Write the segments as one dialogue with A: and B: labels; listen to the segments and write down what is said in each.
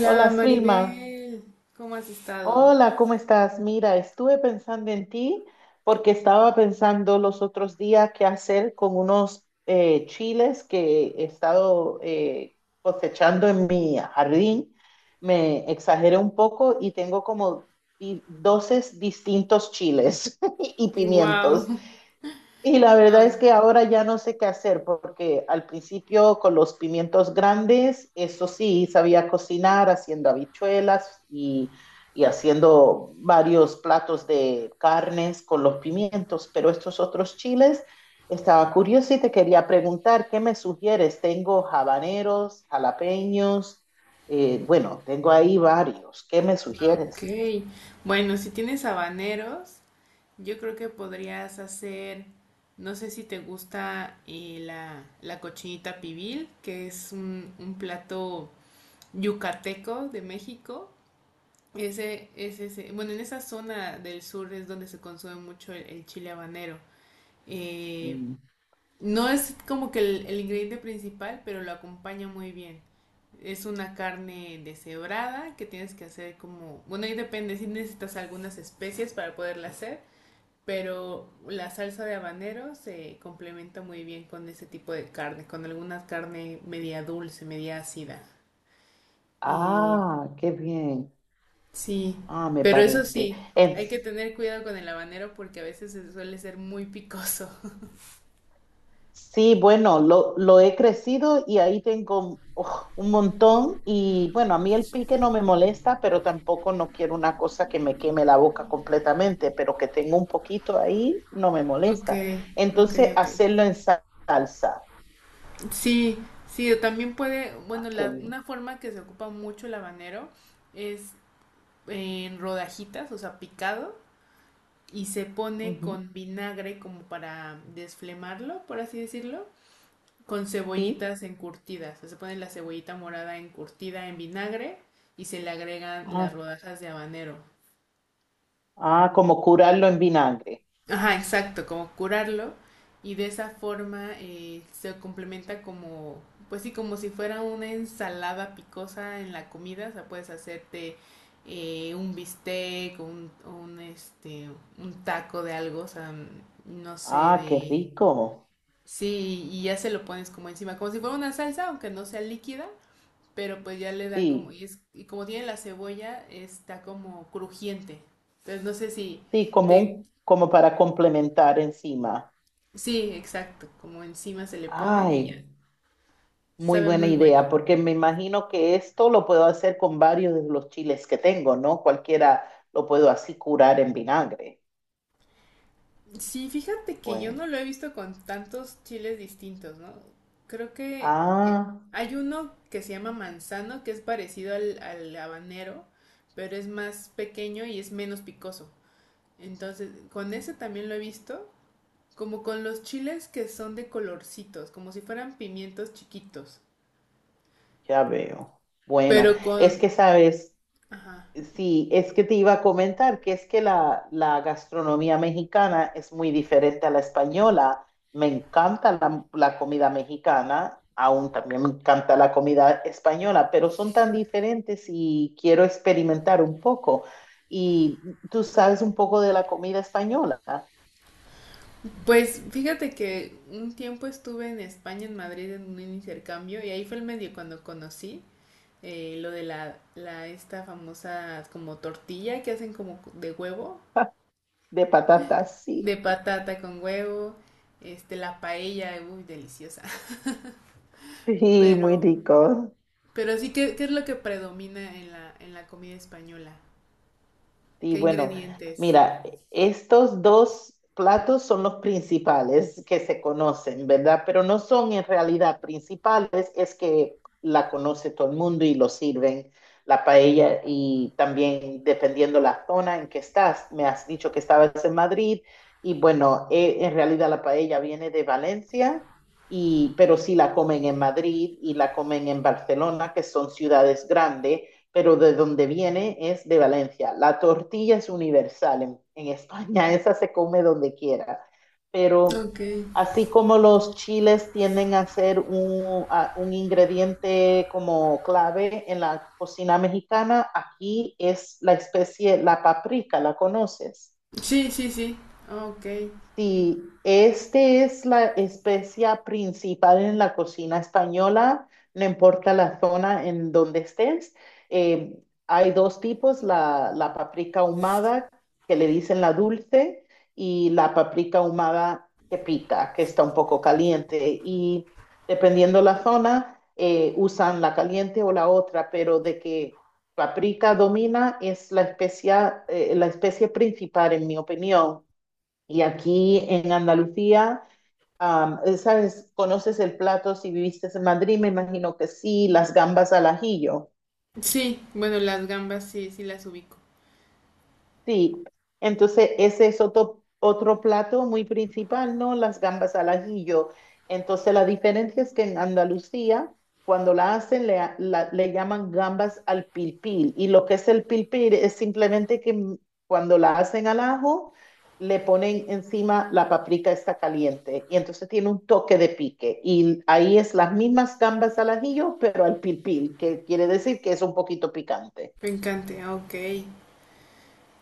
A: Hola, Swilma.
B: Maribel. ¿Cómo has estado?
A: Hola, ¿cómo estás? Mira, estuve pensando en ti porque estaba pensando los otros días qué hacer con unos chiles que he estado cosechando en mi jardín. Me exageré un poco y tengo como 12 distintos chiles y pimientos.
B: Wow,
A: Y la verdad
B: wow.
A: es que ahora ya no sé qué hacer, porque al principio con los pimientos grandes, eso sí, sabía cocinar haciendo habichuelas y haciendo varios platos de carnes con los pimientos, pero estos otros chiles, estaba curiosa y te quería preguntar, ¿qué me sugieres? Tengo habaneros, jalapeños, bueno, tengo ahí varios, ¿qué me sugieres?
B: Ok. Bueno, si tienes habaneros, yo creo que podrías hacer, no sé si te gusta la cochinita pibil, que es un plato yucateco de México. Ese, es ese. Bueno, en esa zona del sur es donde se consume mucho el chile habanero. Eh,
A: Mm.
B: No es como que el ingrediente principal, pero lo acompaña muy bien. Es una carne deshebrada que tienes que hacer como... Bueno, ahí depende si necesitas algunas especies para poderla hacer, pero la salsa de habanero se complementa muy bien con ese tipo de carne, con alguna carne media dulce, media ácida. Eh,
A: Ah, qué bien,
B: sí,
A: ah, me
B: pero eso
A: parece.
B: sí,
A: En
B: hay que tener cuidado con el habanero porque a veces suele ser muy picoso.
A: Sí, bueno, lo he crecido y ahí tengo uf, un montón y bueno, a mí el pique no me molesta, pero tampoco no quiero una cosa que me queme la boca completamente, pero que tengo un poquito ahí no me
B: Ok,
A: molesta.
B: ok,
A: Entonces,
B: ok.
A: hacerlo en salsa.
B: Sí, sí, o también puede,
A: Ah,
B: bueno,
A: qué
B: la,
A: bien.
B: una forma que se ocupa mucho el habanero es en rodajitas, o sea, picado, y se pone
A: Ujú.
B: con vinagre como para desflemarlo, por así decirlo, con
A: Sí.
B: cebollitas encurtidas. O sea, se pone la cebollita morada encurtida en vinagre y se le agregan
A: Ah,
B: las rodajas de habanero.
A: ah, como curarlo en vinagre.
B: Ajá, exacto, como curarlo y de esa forma se complementa como, pues sí, como si fuera una ensalada picosa en la comida, o sea, puedes hacerte un bistec, un un taco de algo, o sea, no sé,
A: Ah, qué
B: de...
A: rico.
B: Sí, y ya se lo pones como encima, como si fuera una salsa, aunque no sea líquida, pero pues ya le da como,
A: Sí,
B: y, es, y como tiene la cebolla, está como crujiente. Entonces no sé si...
A: sí, como
B: ¿Te,
A: un, como para complementar encima.
B: sí, exacto, como encima se le pone
A: Ay,
B: y ya.
A: muy
B: Sabe
A: buena
B: muy
A: idea,
B: bueno.
A: porque me imagino que esto lo puedo hacer con varios de los chiles que tengo, ¿no? Cualquiera lo puedo así curar en vinagre.
B: Sí, fíjate que yo no
A: Bueno,
B: lo he visto con tantos chiles distintos, ¿no? Creo que eh,
A: ah,
B: hay uno que se llama manzano, que es parecido al habanero, pero es más pequeño y es menos picoso. Entonces, con ese también lo he visto, como con los chiles que son de colorcitos, como si fueran pimientos chiquitos,
A: ya veo. Bueno,
B: pero
A: es
B: con...
A: que sabes,
B: Ajá.
A: sí, es que te iba a comentar que es que la gastronomía mexicana es muy diferente a la española. Me encanta la comida mexicana, aún también me encanta la comida española, pero son tan diferentes y quiero experimentar un poco. Y tú sabes un poco de la comida española,
B: Pues fíjate que un tiempo estuve en España, en Madrid, en un intercambio y ahí fue el medio cuando conocí lo de la esta famosa como tortilla que hacen como de huevo,
A: de patatas,
B: de
A: sí.
B: patata con huevo, este la paella, uy, deliciosa.
A: Sí, muy
B: Pero,
A: rico.
B: pero sí, ¿qué es lo que predomina en en la comida española?
A: Y
B: ¿Qué
A: bueno,
B: ingredientes?
A: mira, estos dos platos son los principales que se conocen, ¿verdad? Pero no son en realidad principales, es que la conoce todo el mundo y lo sirven la paella y también dependiendo la zona en que estás, me has dicho que estabas en Madrid y bueno, en realidad la paella viene de Valencia. Y, pero sí la comen en Madrid y la comen en Barcelona, que son ciudades grandes, pero de donde viene es de Valencia. La tortilla es universal en España, esa se come donde quiera, pero
B: Ok.
A: así como los chiles tienden a ser un, un ingrediente como clave en la cocina mexicana, aquí es la especie, la paprika, ¿la conoces?
B: Sí, sí, sí. Ok.
A: Sí, este es la especia principal en la cocina española, no importa la zona en donde estés. Hay dos tipos, la paprika ahumada, que le dicen la dulce, y la paprika ahumada que pica, que está un poco caliente. Y dependiendo la zona, usan la caliente o la otra, pero de que paprika domina es la especia, la especie principal, en mi opinión. Y aquí en Andalucía, ¿sabes? ¿Conoces el plato si viviste en Madrid? Me imagino que sí, las gambas al ajillo.
B: Sí, bueno, las gambas sí, sí las ubico.
A: Sí, entonces ese es otro, otro plato muy principal, ¿no? Las gambas al ajillo. Entonces la diferencia es que en Andalucía, cuando la hacen, le, le llaman gambas al pilpil. Y lo que es el pilpil es simplemente que cuando la hacen al ajo, le ponen encima la paprika está caliente. Y entonces tiene un toque de pique. Y ahí es las mismas gambas al ajillo, pero al pilpil, que quiere decir que es un poquito picante.
B: Me encanta, ok.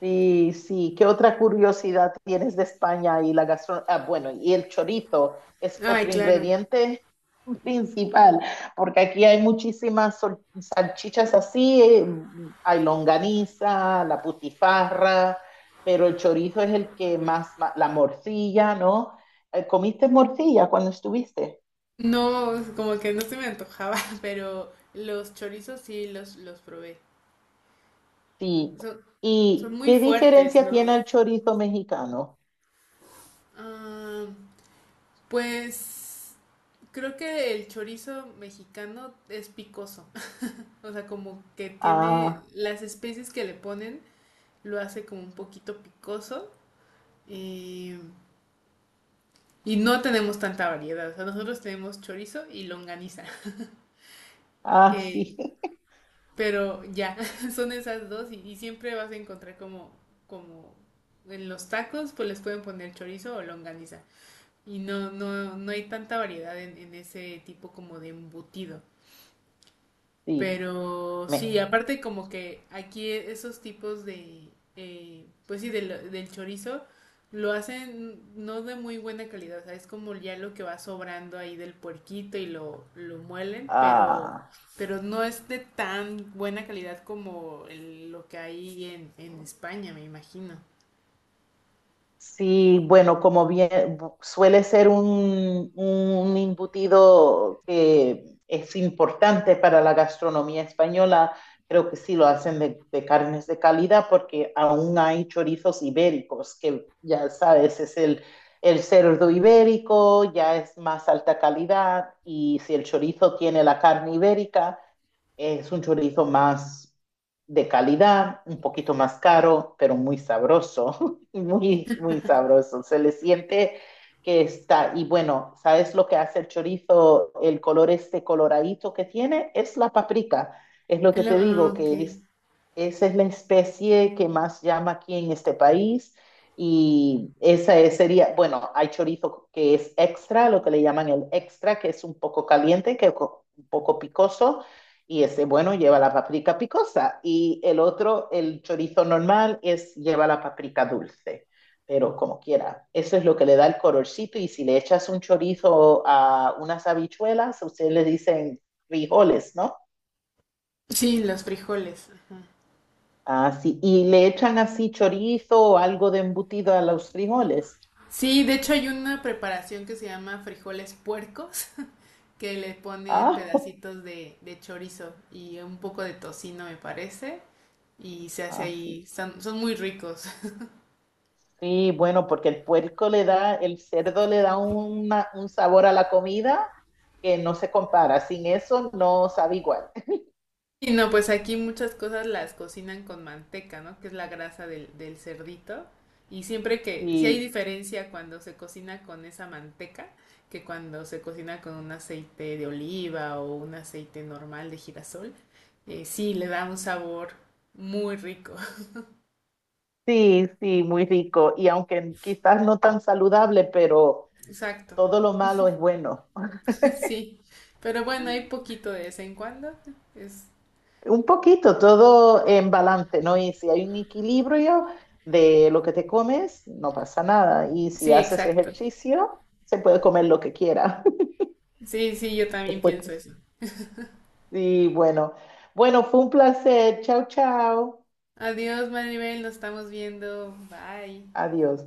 A: Sí, sí. ¿Qué otra curiosidad tienes de España y la gastronomía? Ah, bueno, y el chorizo es
B: Ay,
A: otro
B: claro.
A: ingrediente principal, porque aquí hay muchísimas salchichas así, hay longaniza, la putifarra, pero el chorizo es el que más, la morcilla, ¿no? ¿Comiste morcilla cuando estuviste?
B: No, como que no se me antojaba, pero los chorizos sí los probé.
A: Sí.
B: Son, son
A: ¿Y
B: muy
A: qué
B: fuertes,
A: diferencia
B: ¿no?
A: tiene el chorizo mexicano?
B: Ah, pues creo que el chorizo mexicano es picoso. O sea, como que tiene
A: Ah,
B: las especies que le ponen, lo hace como un poquito picoso. eh, y no tenemos tanta variedad. O sea, nosotros tenemos chorizo y longaniza,
A: ah,
B: que
A: sí,
B: pero ya, son esas dos y siempre vas a encontrar como, como en los tacos, pues les pueden poner chorizo o longaniza. Y no, no, no hay tanta variedad en ese tipo como de embutido.
A: sí.
B: Pero sí,
A: Me,
B: aparte como que aquí esos tipos de, pues sí, del chorizo lo hacen no de muy buena calidad, o sea, es como ya lo que va sobrando ahí del puerquito y lo muelen,
A: ah,
B: pero no es de tan buena calidad como lo que hay en España, me imagino.
A: sí, bueno, como bien suele ser un embutido que es importante para la gastronomía española, creo que sí lo hacen de carnes de calidad porque aún hay chorizos ibéricos, que ya sabes, es el cerdo ibérico, ya es más alta calidad y si el chorizo tiene la carne ibérica. Es un chorizo más de calidad, un poquito más caro, pero muy sabroso, muy, muy sabroso. Se le siente que está, y bueno, ¿sabes lo que hace el chorizo? El color este coloradito que tiene es la paprika. Es lo que te digo,
B: Ok.
A: que es, esa es la especie que más llama aquí en este país. Y sería, bueno, hay chorizo que es extra, lo que le llaman el extra, que es un poco caliente, que un poco picoso y ese bueno lleva la paprika picosa y el otro, el chorizo normal, es lleva la paprika dulce. Pero como quiera, eso es lo que le da el colorcito y si le echas un chorizo a unas habichuelas, ustedes le dicen frijoles, ¿no?
B: Sí, los frijoles, ajá.
A: Así, y le echan así chorizo o algo de embutido a los frijoles.
B: Sí, de hecho hay una preparación que se llama frijoles puercos, que le ponen
A: Ah,
B: pedacitos de chorizo y un poco de tocino, me parece, y se hace
A: así.
B: ahí, son, son muy ricos.
A: Sí, bueno, porque el puerco le da, el cerdo le da un sabor a la comida que no se compara. Sin eso no sabe igual.
B: Y no, pues aquí muchas cosas las cocinan con manteca, ¿no? Que es la grasa del cerdito. Y siempre que, si hay
A: Sí,
B: diferencia cuando se cocina con esa manteca que cuando se cocina con un aceite de oliva o un aceite normal de girasol, sí, le da un sabor muy rico.
A: sí, muy rico. Y aunque quizás no tan saludable, pero
B: Exacto.
A: todo lo malo es bueno.
B: Sí, pero bueno, hay poquito de vez en cuando. Es...
A: Un poquito, todo en balance, ¿no? Y si hay un equilibrio de lo que te comes, no pasa nada. Y si
B: Sí,
A: haces
B: exacto.
A: ejercicio, se puede comer lo que quiera.
B: Sí, sí, yo también
A: Después que...
B: pienso eso.
A: Sí, bueno. Bueno, fue un placer. Chao, chao.
B: Adiós, Maribel, nos estamos viendo. Bye.
A: Adiós.